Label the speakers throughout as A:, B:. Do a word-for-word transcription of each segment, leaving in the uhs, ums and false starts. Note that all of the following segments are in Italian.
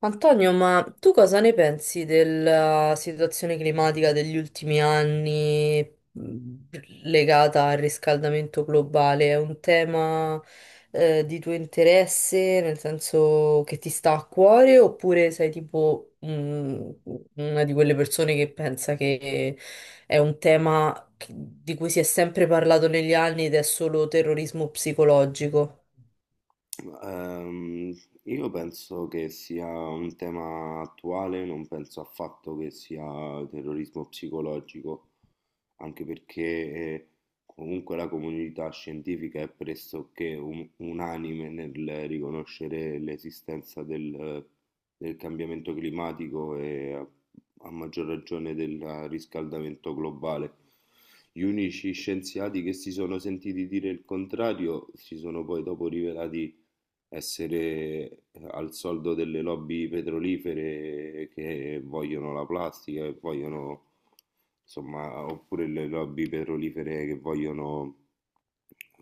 A: Antonio, ma tu cosa ne pensi della situazione climatica degli ultimi anni mh, legata al riscaldamento globale? È un tema, eh, di tuo interesse, nel senso che ti sta a cuore, oppure sei tipo, mh, una di quelle persone che pensa che è un tema che- di cui si è sempre parlato negli anni ed è solo terrorismo psicologico?
B: Ehm, io penso che sia un tema attuale, non penso affatto che sia terrorismo psicologico, anche perché eh, comunque la comunità scientifica è pressoché un- unanime nel riconoscere l'esistenza del, del cambiamento climatico e a, a maggior ragione del riscaldamento globale. Gli unici scienziati che si sono sentiti dire il contrario si sono poi dopo rivelati essere eh, al soldo delle lobby petrolifere che vogliono la plastica e vogliono, insomma, oppure le lobby petrolifere che vogliono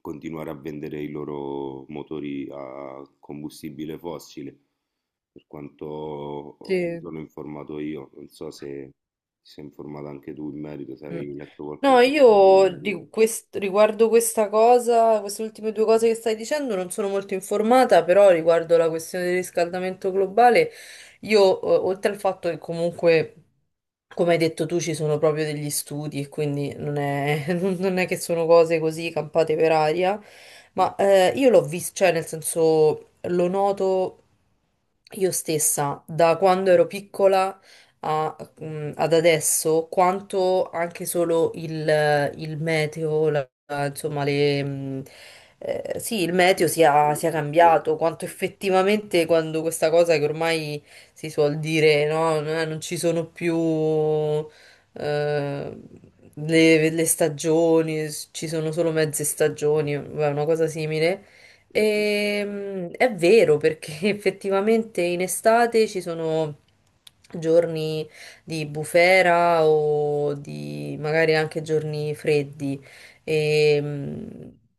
B: continuare a vendere i loro motori a combustibile fossile, per quanto mi
A: Sì.
B: sono informato io, non so se ti sei informato anche tu in merito, se
A: Mm.
B: avevi letto
A: No,
B: qualcosa in
A: io
B: merito.
A: di quest- riguardo questa cosa, queste ultime due cose che stai dicendo, non sono molto informata, però riguardo la questione del riscaldamento globale, io, eh, oltre al fatto che comunque, come hai detto tu, ci sono proprio degli studi e quindi non è, non è che sono cose così campate per aria, ma eh, io l'ho visto, cioè nel senso lo noto io stessa da quando ero piccola mh, ad adesso quanto anche solo il, il meteo, la- la- insomma, le, mh, eh, sì, il meteo sia, sia cambiato, quanto effettivamente quando questa cosa che ormai si suol dire, no, eh, non ci sono più eh, le, le stagioni, ci sono solo mezze stagioni, vabbè, una cosa simile.
B: Mhm.
A: Ehm, è vero perché effettivamente in estate ci sono giorni di bufera o di magari anche giorni freddi e, mm,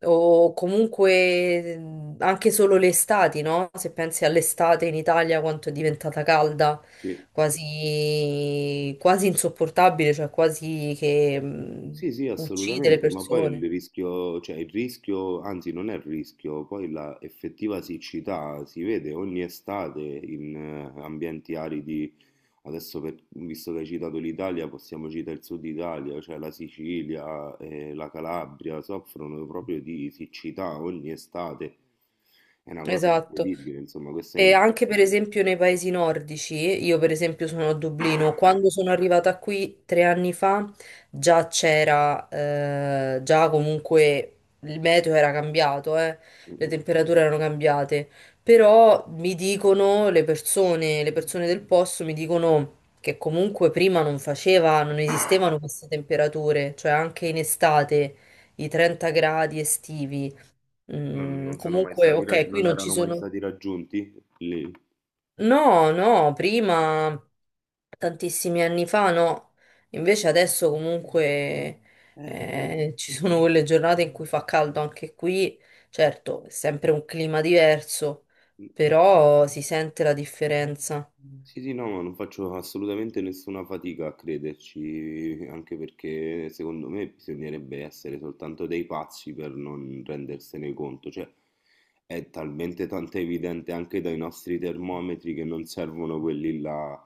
A: o comunque mm, anche solo le estati, no? Se pensi all'estate in Italia quanto è diventata calda,
B: Sì.
A: quasi, quasi insopportabile, cioè quasi che mm,
B: Sì, sì,
A: uccide le
B: assolutamente, ma poi
A: persone.
B: il rischio, cioè il rischio, anzi non è il rischio, poi la effettiva siccità si vede ogni estate in eh, ambienti aridi, adesso per- visto che hai citato l'Italia, possiamo citare il sud Italia, cioè la Sicilia e la Calabria soffrono proprio di siccità ogni estate, è una cosa
A: Esatto.
B: incredibile, insomma, questo è
A: E anche per
B: indubbio.
A: esempio nei paesi nordici, io per esempio sono a Dublino, quando sono arrivata qui tre anni fa già c'era, eh, già comunque il meteo era cambiato, eh,
B: Mm,
A: le
B: mm.
A: temperature erano cambiate, però mi dicono le persone, le persone del posto mi dicono che comunque prima non faceva, non esistevano queste temperature, cioè anche in estate i trenta gradi estivi.
B: Non,
A: Mm,
B: non sono mai
A: comunque,
B: stati, rag-
A: ok, qui
B: non
A: non ci
B: erano mai
A: sono.
B: stati raggiunti lì.
A: No, no, prima tantissimi anni fa no, invece adesso comunque
B: Eh,
A: eh, ci sono quelle giornate in cui fa caldo anche qui, certo, è sempre un clima diverso, però si sente la differenza.
B: Sì, sì, no, ma non faccio assolutamente nessuna fatica a crederci, anche perché secondo me bisognerebbe essere soltanto dei pazzi per non rendersene conto, cioè è talmente tanto evidente anche dai nostri termometri che non servono quelli là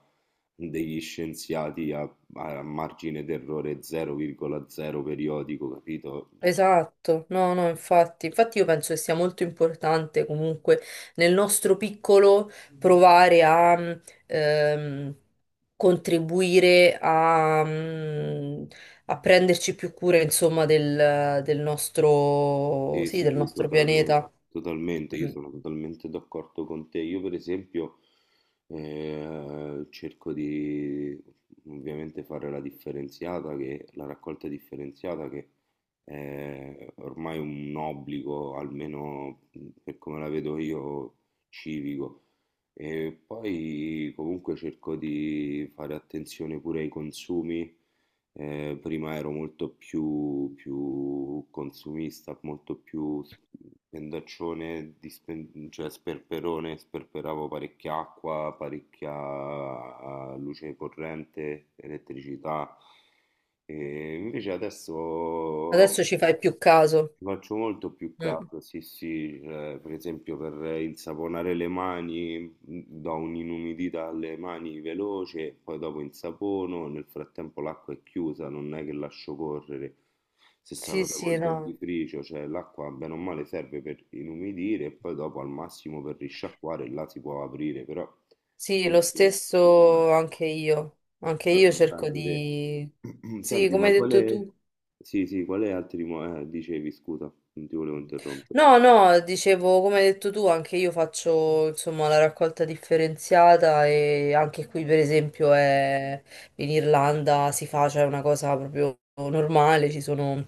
B: degli scienziati a, a margine d'errore zero virgola zero periodico, capito? Cioè,
A: Esatto, no, no, infatti, infatti io penso che sia molto importante comunque nel nostro piccolo provare a mh, ehm, contribuire a, mh, a prenderci più cura, insomma, del, del nostro,
B: sì,
A: sì,
B: sì,
A: del
B: sì,
A: nostro
B: totalmente,
A: pianeta.
B: totalmente, io
A: Mm.
B: sono totalmente d'accordo con te. Io per esempio eh, cerco di ovviamente fare la differenziata, che, la raccolta differenziata che è ormai un obbligo, almeno mhmm, per come la vedo io, civico. E poi comunque cerco di fare attenzione pure ai consumi eh, prima ero molto più, più consumista, molto più spendaccione, di spen- cioè sperperone, sperperavo parecchia acqua, parecchia luce corrente, elettricità. E invece adesso
A: Adesso ci fai più caso.
B: ci faccio molto più
A: Mm.
B: caso, sì, sì, eh, per esempio per il saponare le mani mh, do un'inumidità alle mani veloce, poi dopo insapono, nel frattempo l'acqua è chiusa, non è che lascio correre. Stessa
A: Sì,
B: cosa
A: sì,
B: col
A: no.
B: dentifricio, cioè l'acqua bene o male serve per inumidire e poi dopo al massimo per risciacquare, là si può aprire, però è
A: Sì, lo
B: sempre un po' di mano.
A: stesso anche io. Anche
B: lo,
A: io
B: lo fai
A: cerco
B: anche te.
A: di... Sì,
B: Senti,
A: come
B: ma
A: hai detto tu.
B: quale... Sì, sì, quale altri... mo- eh, dicevi, scusa, non ti volevo interrompere.
A: No, no, dicevo, come hai detto tu, anche io faccio insomma la raccolta differenziata e anche qui per esempio è- in Irlanda si fa, cioè è una cosa proprio normale, ci sono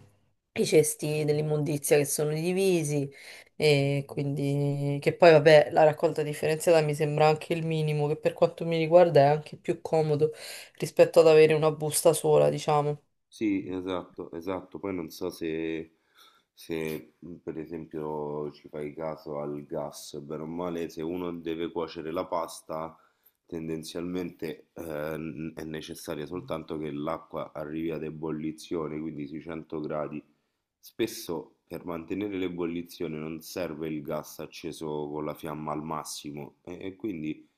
A: i cesti dell'immondizia che sono divisi e quindi che poi vabbè la raccolta differenziata mi sembra anche il minimo, che per quanto mi riguarda è anche più comodo rispetto ad avere una busta sola, diciamo.
B: Sì, esatto, esatto. Poi non so se, se mh, per esempio ci fai caso al gas, bene o male, se uno deve cuocere la pasta, tendenzialmente eh, n- è necessaria soltanto che l'acqua arrivi ad ebollizione, quindi sui cento gradi. Spesso per mantenere l'ebollizione non serve il gas acceso con la fiamma al massimo e, e quindi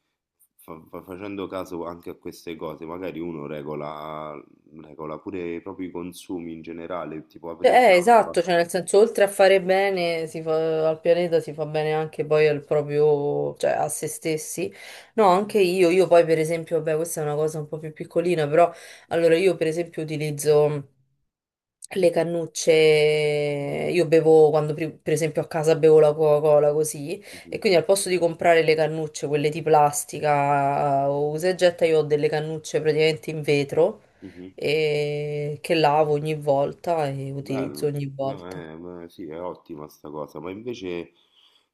B: fa- fa- facendo caso anche a queste cose, magari uno regola Regola pure i propri consumi in generale, tipo
A: Cioè,
B: aprire
A: eh,
B: un'app.
A: esatto, cioè nel senso, oltre a fare bene si fa- al pianeta, si fa bene anche poi al proprio, cioè a se stessi. No, anche io, io, poi per esempio, vabbè, questa è una cosa un po' più piccolina, però allora io per esempio utilizzo le cannucce, io bevo quando pri- per esempio a casa bevo la Coca-Cola così, e
B: Mhm,
A: quindi al posto di comprare le cannucce, quelle di plastica o usa e getta, io ho delle cannucce praticamente in vetro
B: mhm.
A: e che lavo ogni volta e utilizzo
B: Bello,
A: ogni
B: no,
A: volta.
B: eh, ma sì, è ottima sta cosa, ma invece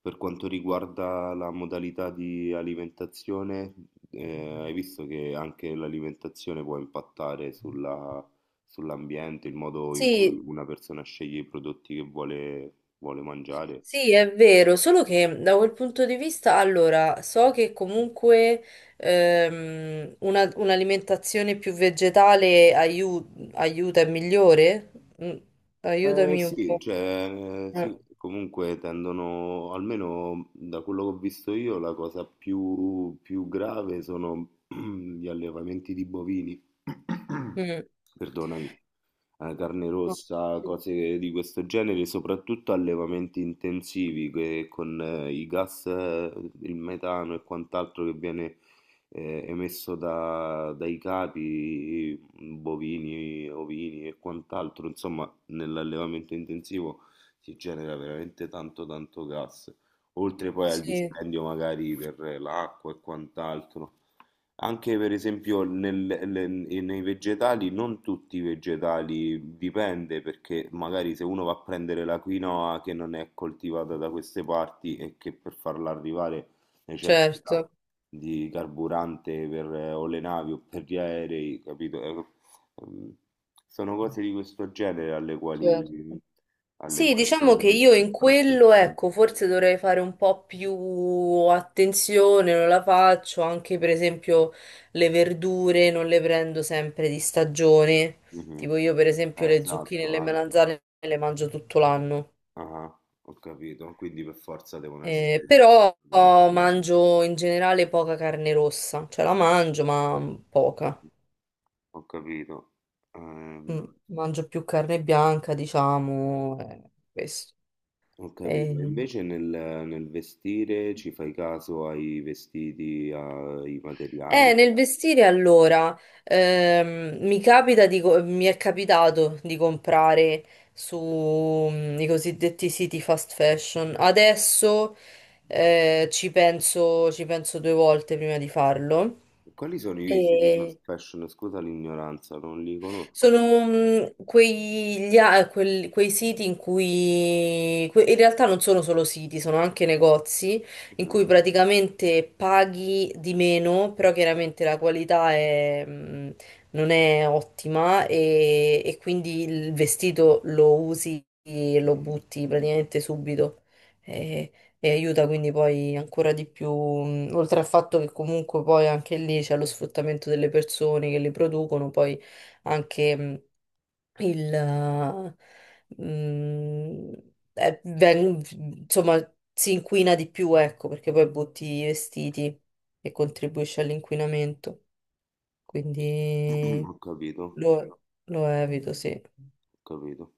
B: per quanto riguarda la modalità di alimentazione, eh, hai visto che anche l'alimentazione può impattare sulla- sull'ambiente, il modo in cui
A: Sì,
B: una persona sceglie i prodotti che vuole, vuole mangiare?
A: sì, è vero, solo che da quel punto di vista, allora, so che comunque ehm, una- un'alimentazione più vegetale aiu- aiuta, è migliore? Mm,
B: Eh,
A: aiutami un
B: sì,
A: po'.
B: cioè,
A: Mm,
B: sì, comunque tendono, almeno da quello che ho visto io, la cosa più, più grave sono gli allevamenti di bovini,
A: mm.
B: perdonami, eh, carne rossa, cose di questo genere, soprattutto allevamenti intensivi che con eh, i gas, eh, il metano e quant'altro che viene eh, emesso da- dai capi, bovini, ovini e quant'altro, insomma nell'allevamento intensivo si genera veramente tanto tanto gas, oltre poi al
A: Sì,
B: dispendio magari per l'acqua e quant'altro. Anche per esempio nel- le- nei vegetali, non tutti i vegetali, dipende perché magari se uno va a prendere la quinoa che non è coltivata da queste parti e che per farla arrivare necessita
A: certo.
B: di carburante per, eh, o le navi o per gli aerei, capito? Eh, ehm, Sono cose di questo genere alle
A: certo.
B: quali alle
A: Sì,
B: quali
A: diciamo
B: secondo
A: che
B: me
A: io
B: si
A: in
B: fa
A: quello,
B: attenzione.
A: ecco, forse dovrei fare un po' più attenzione, non la faccio, anche per esempio le verdure non le prendo sempre di stagione,
B: Mh-mh.
A: tipo io per esempio
B: Eh,
A: le zucchine e
B: esatto,
A: le
B: anche.
A: melanzane le mangio tutto l'anno,
B: Ah-ah, ho capito. Quindi per forza devono
A: Eh,
B: essere di-
A: però
B: di una
A: oh,
B: linea.
A: mangio in generale poca carne rossa, cioè la mangio ma poca,
B: Ho capito. Ehm,
A: Mm, mangio più carne bianca, diciamo, eh, questo.
B: ho capito. E
A: Eh,
B: invece nel nel vestire ci fai caso ai vestiti, ai
A: Eh,
B: materiali?
A: nel vestire allora, ehm, mi capita di co- mi è capitato di comprare su mm, i cosiddetti siti fast fashion. Adesso eh, ci penso, ci penso due volte prima di farlo.
B: E quali sono i tipi di fast
A: E
B: fashion? Scusa l'ignoranza, non li conosco.
A: sono mm, quegli, a- quel- quei siti in cui que- in realtà non sono solo siti, sono anche negozi in
B: Mh-mh.
A: cui praticamente paghi di meno, però chiaramente la qualità è, mm, non è ottima e, e quindi il vestito lo usi e lo butti praticamente subito. E, e aiuta quindi poi ancora di più, mm, oltre al fatto che comunque poi anche lì c'è lo sfruttamento delle persone che li producono, poi anche mm, il... eh, mm, eh, veng- insomma, si inquina di più, ecco, perché poi butti i vestiti e contribuisce all'inquinamento. Quindi
B: Ho capito,
A: lo, lo evito, sì.
B: ho capito.